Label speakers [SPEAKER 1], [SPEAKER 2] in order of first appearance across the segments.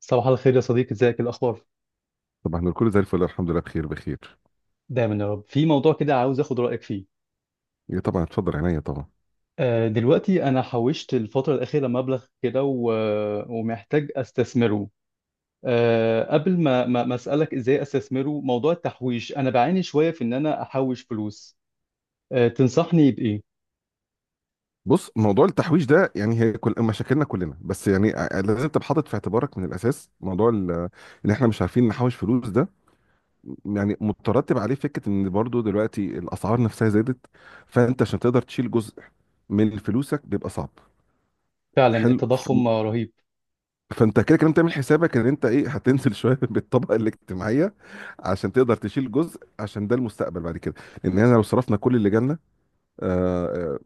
[SPEAKER 1] صباح الخير يا صديقي، ازيك؟ إيه الاخبار؟
[SPEAKER 2] طب احنا الكل زي الفل، الحمد لله، بخير بخير.
[SPEAKER 1] دايما يا رب. في موضوع كده عاوز اخد رايك فيه.
[SPEAKER 2] ايه طبعا، اتفضل عينيا طبعا.
[SPEAKER 1] دلوقتي انا حوشت الفتره الاخيره مبلغ كده ومحتاج استثمره. قبل ما اسالك ازاي استثمره، موضوع التحويش انا بعاني شويه في ان انا احوش فلوس. تنصحني بايه؟
[SPEAKER 2] بص، موضوع التحويش ده يعني هي كل مشاكلنا كلنا، بس يعني لازم تبقى حاطط في اعتبارك من الاساس موضوع ان احنا مش عارفين نحوش فلوس ده، يعني مترتب عليه فكره ان برضو دلوقتي الاسعار نفسها زادت، فانت عشان تقدر تشيل جزء من فلوسك بيبقى صعب.
[SPEAKER 1] فعلا
[SPEAKER 2] حلو.
[SPEAKER 1] التضخم رهيب.
[SPEAKER 2] فانت كده كده بتعمل حسابك ان انت ايه، هتنزل شويه بالطبقه الاجتماعيه عشان تقدر تشيل جزء، عشان ده المستقبل بعد كده. ان احنا لو صرفنا كل اللي جالنا، اه،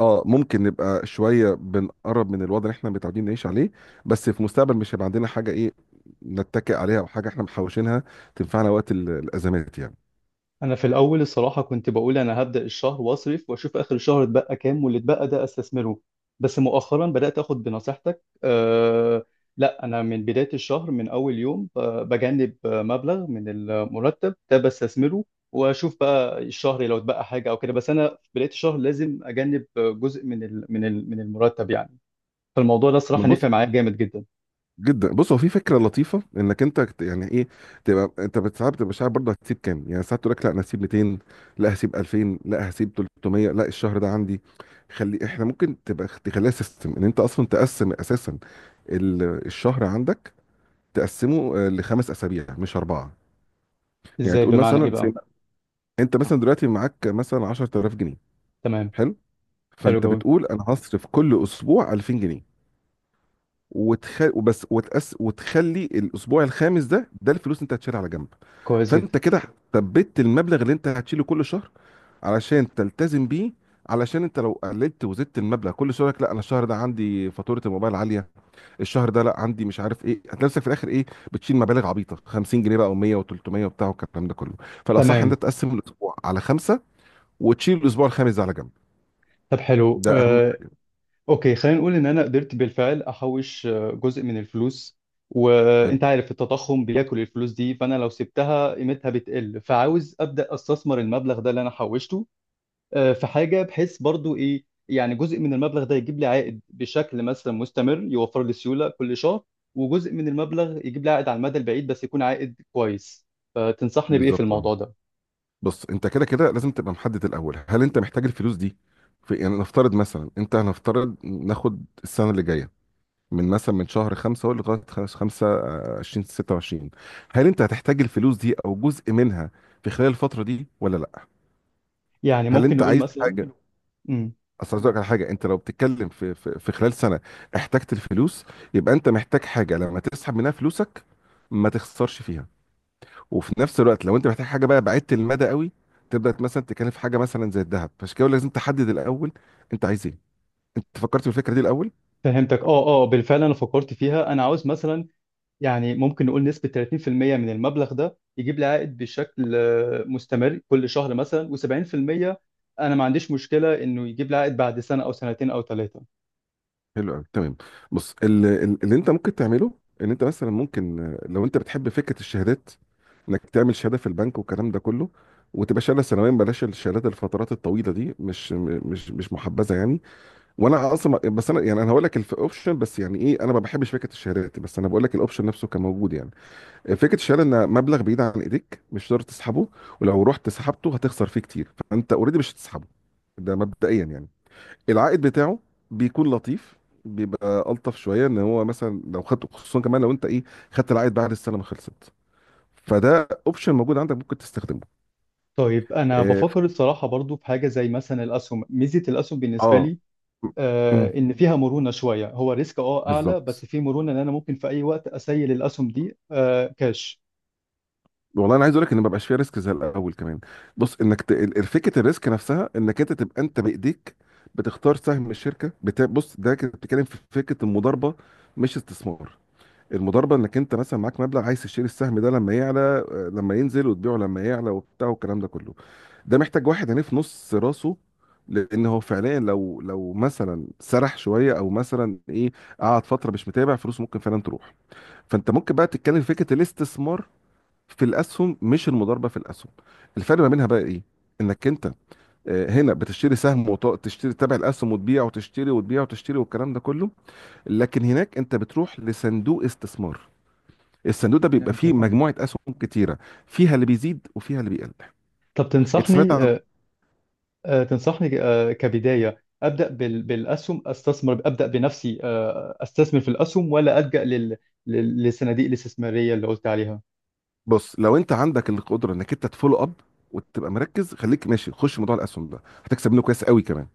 [SPEAKER 2] ممكن نبقى شويه بنقرب من الوضع اللي احنا متعودين نعيش عليه، بس في المستقبل مش هيبقى عندنا حاجه ايه نتكئ عليها، او حاجه احنا محوشينها تنفعنا وقت الازمات يعني.
[SPEAKER 1] انا في الاول الصراحه كنت بقول انا هبدا الشهر واصرف واشوف اخر الشهر اتبقى كام واللي اتبقى ده استثمره. بس مؤخرا بدات اخد بنصيحتك أه. لا، انا من بدايه الشهر من اول يوم بجنب مبلغ من المرتب ده بستثمره. واشوف بقى الشهر لو اتبقى حاجه او كده. بس انا في بدايه الشهر لازم اجنب جزء من المرتب يعني. فالموضوع ده
[SPEAKER 2] ما
[SPEAKER 1] صراحه نفع
[SPEAKER 2] بص،
[SPEAKER 1] معايا جامد جدا.
[SPEAKER 2] جدا. بص، هو في فكره لطيفه انك انت يعني ايه، تبقى انت ساعات بتبقى مش عارف برضه هتسيب كام، يعني ساعات تقول لك لا انا هسيب 200، لا هسيب 2000، لا هسيب 300، لا الشهر ده عندي. خلي، احنا ممكن تبقى تخليها سيستم ان انت اصلا تقسم اساسا الشهر عندك، تقسمه لخمس اسابيع مش اربعه. يعني
[SPEAKER 1] ازاي؟
[SPEAKER 2] تقول
[SPEAKER 1] بمعنى ايه
[SPEAKER 2] مثلا زي
[SPEAKER 1] بقى؟
[SPEAKER 2] انت مثلا دلوقتي معاك مثلا 10000 جنيه.
[SPEAKER 1] تمام.
[SPEAKER 2] حلو.
[SPEAKER 1] حلو
[SPEAKER 2] فانت
[SPEAKER 1] جوي.
[SPEAKER 2] بتقول انا هصرف كل اسبوع 2000 جنيه، وتخلي الاسبوع الخامس ده ده الفلوس اللي انت هتشيلها على جنب.
[SPEAKER 1] كويس جدا.
[SPEAKER 2] فانت كده ثبت المبلغ اللي انت هتشيله كل شهر علشان تلتزم بيه، علشان انت لو قللت وزدت المبلغ كل شهر لك، لا انا الشهر ده عندي فاتوره الموبايل عاليه، الشهر ده لا عندي مش عارف ايه، هتلاقي نفسك في الاخر ايه، بتشيل مبالغ عبيطه 50 جنيه بقى و100 و300 وبتاع والكلام ده كله. فالاصح ان
[SPEAKER 1] تمام.
[SPEAKER 2] انت تقسم الاسبوع على خمسه وتشيل الاسبوع الخامس ده على جنب.
[SPEAKER 1] طب حلو.
[SPEAKER 2] ده اهم حاجه.
[SPEAKER 1] اوكي، خلينا نقول ان انا قدرت بالفعل احوش جزء من الفلوس.
[SPEAKER 2] حلو،
[SPEAKER 1] وانت عارف التضخم بياكل الفلوس دي، فانا لو سبتها قيمتها بتقل، فعاوز ابدا استثمر المبلغ ده اللي انا حوشته. في حاجه بحيث برضو ايه، يعني جزء من المبلغ ده يجيب لي عائد بشكل مثلا مستمر يوفر لي سيوله كل شهر، وجزء من المبلغ يجيب لي عائد على المدى البعيد بس يكون عائد كويس. فتنصحني بايه في
[SPEAKER 2] بالظبط اه.
[SPEAKER 1] الموضوع ده؟
[SPEAKER 2] بص، انت كده كده لازم تبقى محدد الاول، هل انت محتاج الفلوس دي في، يعني نفترض مثلا انت، هنفترض ناخد السنه اللي جايه، من مثلا من شهر خمسة هو لغايه خمسة 20 26، هل انت هتحتاج الفلوس دي او جزء منها في خلال الفتره دي ولا لا؟
[SPEAKER 1] يعني
[SPEAKER 2] هل
[SPEAKER 1] ممكن
[SPEAKER 2] انت
[SPEAKER 1] نقول
[SPEAKER 2] عايز
[SPEAKER 1] مثلا.
[SPEAKER 2] حاجه؟
[SPEAKER 1] امم.
[SPEAKER 2] اصل عايز أقولك على حاجه، انت لو بتتكلم في خلال سنه احتجت الفلوس، يبقى انت محتاج حاجه لما تسحب منها فلوسك ما تخسرش فيها. وفي نفس الوقت لو انت محتاج حاجه بقى بعيدة المدى قوي، تبدا مثلا تتكلم في حاجه مثلا زي الذهب. فعشان كده لازم تحدد الاول انت عايز ايه، انت فكرت في الفكره دي الاول؟
[SPEAKER 1] فهمتك. اه اه، بالفعل انا فكرت فيها. انا عاوز مثلا، يعني ممكن نقول نسبة 30% من المبلغ ده يجيب لي عائد بشكل مستمر كل شهر مثلا، و70% أنا ما عنديش مشكلة إنه يجيب لي عائد بعد سنة أو سنتين أو ثلاثة.
[SPEAKER 2] حلو قوي، تمام. بص، اللي انت ممكن تعمله ان انت مثلا ممكن، لو انت بتحب فكره الشهادات انك تعمل شهاده في البنك والكلام ده كله، وتبقى شهاده سنويا. بلاش الشهادات الفترات الطويله دي، مش مش محبذه يعني. وانا اصلا، بس انا يعني انا هقول لك الاوبشن، بس يعني ايه، انا ما بحبش فكره الشهادات، بس انا بقول لك الاوبشن نفسه كان موجود يعني. فكره الشهاده ان مبلغ بعيد عن ايديك مش هتقدر تسحبه، ولو رحت سحبته هتخسر فيه كتير، فانت اوريدي مش هتسحبه ده مبدئيا يعني. العائد بتاعه بيكون لطيف، بيبقى الطف شويه ان هو مثلا لو خدت، خصوصا كمان لو انت ايه، خدت العائد بعد السنه ما خلصت. فده اوبشن موجود عندك ممكن تستخدمه.
[SPEAKER 1] طيب، أنا
[SPEAKER 2] اه.
[SPEAKER 1] بفكر الصراحة برضو في حاجة زي مثلا الأسهم. ميزة الأسهم بالنسبة
[SPEAKER 2] آه.
[SPEAKER 1] لي
[SPEAKER 2] م- م.
[SPEAKER 1] إن فيها مرونة شوية. هو ريسك أعلى بس
[SPEAKER 2] بالظبط.
[SPEAKER 1] في مرونة إن أنا ممكن في أي وقت أسيل الأسهم دي كاش.
[SPEAKER 2] والله انا عايز اقول لك ان ما بقاش فيها ريسك زي الاول كمان. بص، انك فكره الريسك نفسها انك انت تبقى انت بايديك بتختار سهم الشركه بص، ده كنت بتتكلم في فكره المضاربه مش استثمار. المضاربه انك انت مثلا معاك مبلغ عايز تشتري السهم ده لما يعلى، لما ينزل وتبيعه لما يعلى وبتاع والكلام ده كله. ده محتاج واحد يعني في نص راسه، لان هو فعليا لو مثلا سرح شويه او مثلا ايه، قعد فتره مش متابع فلوسه ممكن فعلا تروح. فانت ممكن بقى تتكلم في فكره الاستثمار في الاسهم، مش المضاربه في الاسهم. الفرق ما بينها بقى ايه؟ انك انت هنا بتشتري سهم وتشتري تبع الاسهم، وتبيع وتشتري وتبيع وتشتري والكلام ده كله. لكن هناك انت بتروح لصندوق استثمار، الصندوق ده بيبقى فيه
[SPEAKER 1] فهمتك اه.
[SPEAKER 2] مجموعه اسهم كتيره، فيها اللي بيزيد وفيها اللي بيقل.
[SPEAKER 1] طب
[SPEAKER 2] انت سمعت.
[SPEAKER 1] تنصحني كبداية أبدأ بالأسهم؟ أستثمر أبدأ بنفسي أستثمر في الأسهم، ولا ألجأ للصناديق الاستثمارية اللي قلت عليها؟
[SPEAKER 2] بص، لو انت عندك القدره انك انت تفولو اب وتبقى مركز، خليك ماشي، خش موضوع الاسهم ده، هتكسب منه كويس قوي كمان.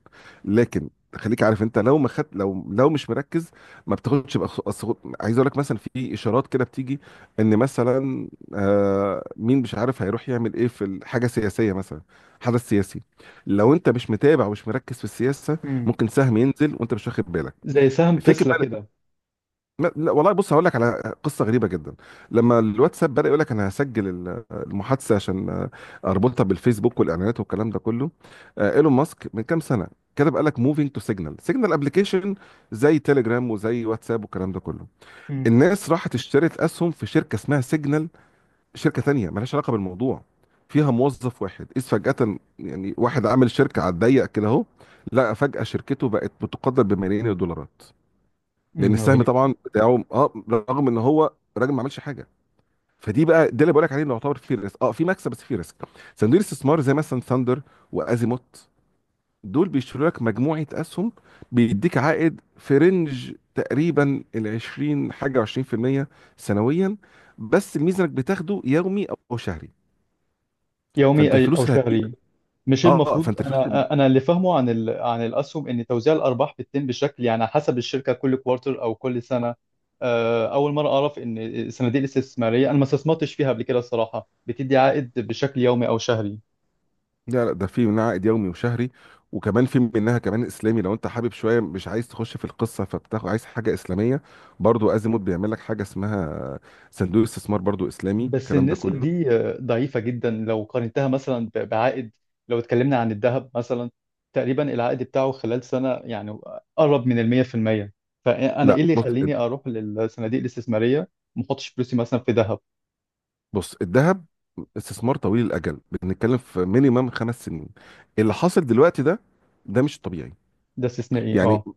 [SPEAKER 2] لكن خليك عارف، انت لو ما خد، لو مش مركز، ما بتاخدش عايز اقول لك مثلا في اشارات كده بتيجي، ان مثلا، آه مين مش عارف هيروح يعمل ايه في حاجه سياسيه مثلا، حدث سياسي، لو انت مش متابع ومش مركز في السياسه،
[SPEAKER 1] امم.
[SPEAKER 2] ممكن سهم ينزل وانت مش واخد بالك.
[SPEAKER 1] زي سهم
[SPEAKER 2] فكر.
[SPEAKER 1] تسلا كده.
[SPEAKER 2] لا والله. بص، هقول لك على قصه غريبه جدا. لما الواتساب بدا يقول لك انا هسجل المحادثه عشان اربطها بالفيسبوك والاعلانات والكلام ده كله، ايلون ماسك من كام سنه كتب قال لك موفينج تو سيجنال، سيجنال ابلكيشن، زي تيليجرام وزي واتساب والكلام ده كله.
[SPEAKER 1] امم.
[SPEAKER 2] الناس راحت اشترت اسهم في شركه اسمها سيجنال، شركه تانية مالهاش علاقه بالموضوع، فيها موظف واحد، اذ فجاه يعني واحد عامل شركه على الضيق كده اهو، لقى فجاه شركته بقت بتقدر بملايين الدولارات، لان السهم
[SPEAKER 1] رهيب.
[SPEAKER 2] طبعا بتاعه اه، رغم ان هو الراجل ما عملش حاجه. فدي بقى ده اللي بقول لك عليه اللي يعتبر فيه ريسك، اه في مكسب بس فيه ريسك. صناديق الاستثمار زي مثلا ثاندر وازيموت، دول بيشتروا لك مجموعه اسهم، بيديك عائد في رينج تقريبا ال 20 حاجه و20% سنويا، بس الميزه انك بتاخده يومي او شهري.
[SPEAKER 1] يومي
[SPEAKER 2] فانت الفلوس
[SPEAKER 1] أو
[SPEAKER 2] اللي هتجيلك،
[SPEAKER 1] شهري؟ مش
[SPEAKER 2] اه
[SPEAKER 1] المفروض
[SPEAKER 2] فانت الفلوس اللي،
[SPEAKER 1] أنا اللي فاهمه عن عن الأسهم إن توزيع الأرباح بتتم بشكل يعني حسب الشركة كل كوارتر أو كل سنة؟ أول مرة أعرف إن الصناديق الاستثمارية أنا ما استثمرتش فيها قبل كده الصراحة بتدي عائد بشكل يومي أو شهري.
[SPEAKER 2] لا ده في منها عائد يومي وشهري، وكمان في منها كمان اسلامي لو انت حابب شويه مش عايز تخش في القصه، فبتاخد عايز حاجه اسلاميه، برضو ازيموت بيعمل لك حاجه اسمها صندوق استثمار برضو اسلامي
[SPEAKER 1] بس
[SPEAKER 2] الكلام ده
[SPEAKER 1] النسب
[SPEAKER 2] كله.
[SPEAKER 1] دي ضعيفة جدا لو قارنتها مثلا بعائد. لو اتكلمنا عن الذهب مثلا، تقريبا العائد بتاعه خلال سنة يعني قرب من المية في المية. فأنا إيه
[SPEAKER 2] لا
[SPEAKER 1] اللي
[SPEAKER 2] بص،
[SPEAKER 1] يخليني أروح للصناديق الاستثمارية ومحطش فلوسي مثلا في ذهب؟
[SPEAKER 2] بص الذهب استثمار طويل الاجل، بنتكلم في مينيمم خمس سنين. اللي حاصل دلوقتي ده، ده مش الطبيعي
[SPEAKER 1] ده استثنائي
[SPEAKER 2] يعني.
[SPEAKER 1] أه.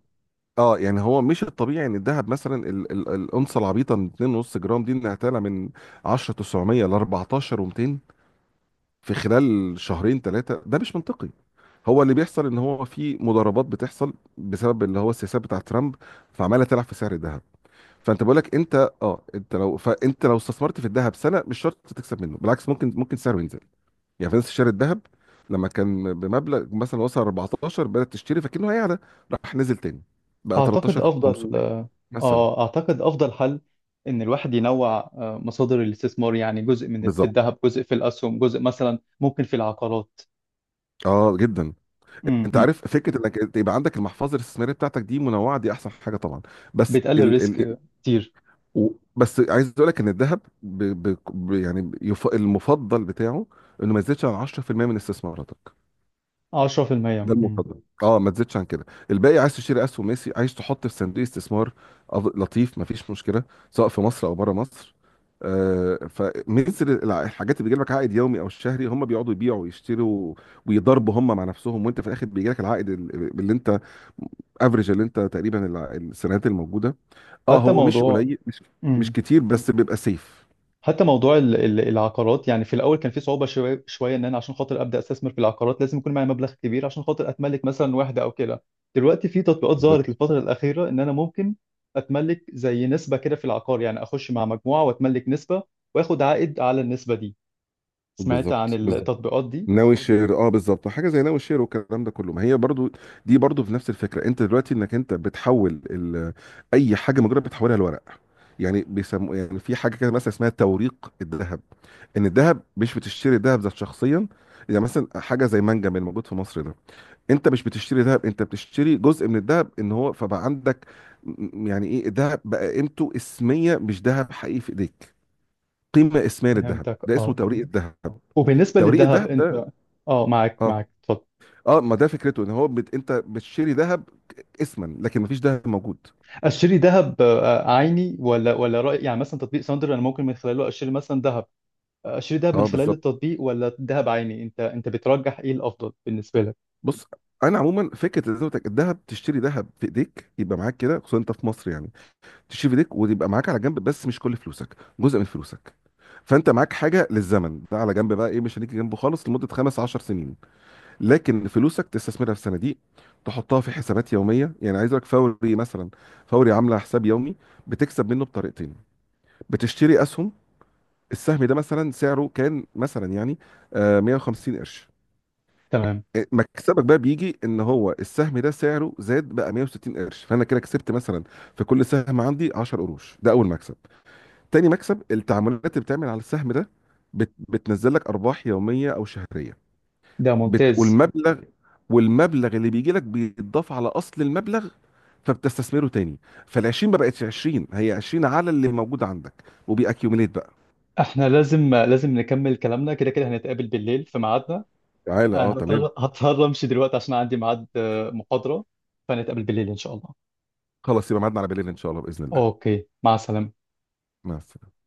[SPEAKER 2] اه يعني هو مش الطبيعي ان الذهب مثلا الانصه العبيطه من 2.5 جرام دي انها تعلى من 10 900 ل 14 و200 في خلال شهرين ثلاثة، ده مش منطقي. هو اللي بيحصل ان هو في مضاربات بتحصل بسبب اللي هو السياسات بتاعة ترامب، فعمالة تلعب في سعر الذهب. فانت بقول لك انت اه، انت لو، فانت لو استثمرت في الذهب سنة مش شرط تكسب منه، بالعكس ممكن، ممكن سعره ينزل، يعني فلوس شاري الذهب لما كان بمبلغ مثلا وصل 14 بدأت تشتري فكأنه هيعلى، راح نزل تاني بقى
[SPEAKER 1] أعتقد
[SPEAKER 2] 13
[SPEAKER 1] أفضل.
[SPEAKER 2] 500 مثلا.
[SPEAKER 1] أه، أعتقد أفضل حل إن الواحد ينوع مصادر الاستثمار، يعني جزء من في
[SPEAKER 2] بالظبط،
[SPEAKER 1] الذهب، جزء في الأسهم، جزء مثلا ممكن في العقارات.
[SPEAKER 2] اه جدا.
[SPEAKER 1] م-
[SPEAKER 2] انت
[SPEAKER 1] م.
[SPEAKER 2] عارف فكره انك يبقى عندك المحفظه الاستثماريه بتاعتك دي منوعه، دي احسن حاجه طبعا، بس
[SPEAKER 1] بتقلل
[SPEAKER 2] ال
[SPEAKER 1] الريسك كتير.
[SPEAKER 2] و... بس عايز اقول لك ان الذهب يعني المفضل بتاعه انه ما يزيدش عن 10% من استثماراتك،
[SPEAKER 1] 10%.
[SPEAKER 2] ده المفضل اه، ما تزيدش عن كده. الباقي عايز تشتري اسهم، ميسي عايز تحط في صندوق استثمار لطيف، ما فيش مشكله، سواء في مصر او بره مصر. آه، فمثل الحاجات اللي بيجي لك عائد يومي او شهري، هم بيقعدوا يبيعوا ويشتروا ويضربوا هم مع نفسهم، وانت في الاخر بيجي لك العائد اللي انت افريج، اللي انت تقريبا السنوات الموجوده. اه
[SPEAKER 1] حتى
[SPEAKER 2] هو مش
[SPEAKER 1] موضوع.
[SPEAKER 2] قليل، مش مش
[SPEAKER 1] امم.
[SPEAKER 2] كتير، بس بيبقى سيف.
[SPEAKER 1] حتى موضوع العقارات، يعني في الاول كان في صعوبه شويه شويه ان انا عشان خاطر ابدا استثمر في العقارات لازم يكون معايا مبلغ كبير عشان خاطر اتملك مثلا واحده او كده. دلوقتي في تطبيقات ظهرت
[SPEAKER 2] بالظبط،
[SPEAKER 1] الفتره الاخيره ان انا ممكن اتملك زي نسبه كده في العقار، يعني اخش مع مجموعه واتملك نسبه واخد عائد على النسبه دي. سمعت عن
[SPEAKER 2] بالظبط. بالظبط،
[SPEAKER 1] التطبيقات دي؟
[SPEAKER 2] ناوي الشير اه، بالظبط، حاجه زي ناوي الشير والكلام ده كله، ما هي برضو دي برضو في نفس الفكره. انت دلوقتي انك انت بتحول اي حاجه مجرد بتحولها لورق، يعني بيسموا يعني، في حاجه كده مثلا اسمها توريق الذهب، ان الذهب مش بتشتري الذهب ذات شخصيا، يعني مثلا حاجه زي منجم الموجود في مصر ده، انت مش بتشتري ذهب، انت بتشتري جزء من الذهب ان هو فبقى عندك. يعني ايه، الذهب بقى قيمته اسميه مش ذهب حقيقي في ايديك، قيمه اسميه للذهب،
[SPEAKER 1] فهمتك
[SPEAKER 2] ده اسمه
[SPEAKER 1] اه.
[SPEAKER 2] توريق الذهب.
[SPEAKER 1] وبالنسبه
[SPEAKER 2] توريق
[SPEAKER 1] للذهب
[SPEAKER 2] الذهب ده،
[SPEAKER 1] انت. اه معاك
[SPEAKER 2] اه
[SPEAKER 1] معاك اتفضل.
[SPEAKER 2] اه، ما ده فكرته ان هو انت بتشتري ذهب اسما لكن ما فيش ذهب موجود.
[SPEAKER 1] اشتري ذهب عيني ولا رأي، يعني مثلا تطبيق ساندر انا ممكن من خلاله اشتري مثلا ذهب. اشتري دهب من
[SPEAKER 2] اه
[SPEAKER 1] خلال
[SPEAKER 2] بالظبط.
[SPEAKER 1] التطبيق ولا دهب عيني، انت بترجح ايه الافضل بالنسبه لك؟
[SPEAKER 2] بص، انا عموما فكره زي ما قلت لك، الذهب تشتري ذهب في ايديك يبقى معاك كده، خصوصا انت في مصر يعني، تشيل في ايديك وتبقى معاك على جنب، بس مش كل فلوسك جزء من فلوسك. فانت معاك حاجه للزمن ده على جنب بقى ايه، مش هنيجي جنبه خالص لمده خمس عشر سنين. لكن فلوسك تستثمرها في صناديق، تحطها في حسابات يوميه يعني، عايز لك فوري مثلا، فوري عامله حساب يومي، بتكسب منه بطريقتين، بتشتري اسهم، السهم ده مثلا سعره كان مثلا يعني 150 قرش،
[SPEAKER 1] تمام.
[SPEAKER 2] مكسبك بقى بيجي ان هو السهم ده سعره زاد بقى 160 قرش، فانا كده كسبت مثلا في كل سهم عندي 10 قروش، ده اول مكسب. تاني مكسب التعاملات اللي بتعمل على السهم ده بتنزل لك ارباح يوميه او شهريه
[SPEAKER 1] ده ممتاز.
[SPEAKER 2] والمبلغ، والمبلغ اللي بيجي لك بيتضاف على اصل المبلغ فبتستثمره تاني، فال 20 ما بقتش 20، هي 20 على اللي موجود عندك وبيأكيوميليت بقى.
[SPEAKER 1] احنا لازم نكمل كلامنا، كده كده هنتقابل بالليل في ميعادنا.
[SPEAKER 2] تعالى
[SPEAKER 1] انا
[SPEAKER 2] اه تمام،
[SPEAKER 1] هضطر امشي دلوقتي عشان عندي ميعاد محاضره. فنتقابل بالليل ان شاء الله.
[SPEAKER 2] خلاص يبقى ميعادنا على بالليل ان شاء الله باذن الله.
[SPEAKER 1] اوكي، مع السلامه.
[SPEAKER 2] مع السلامه.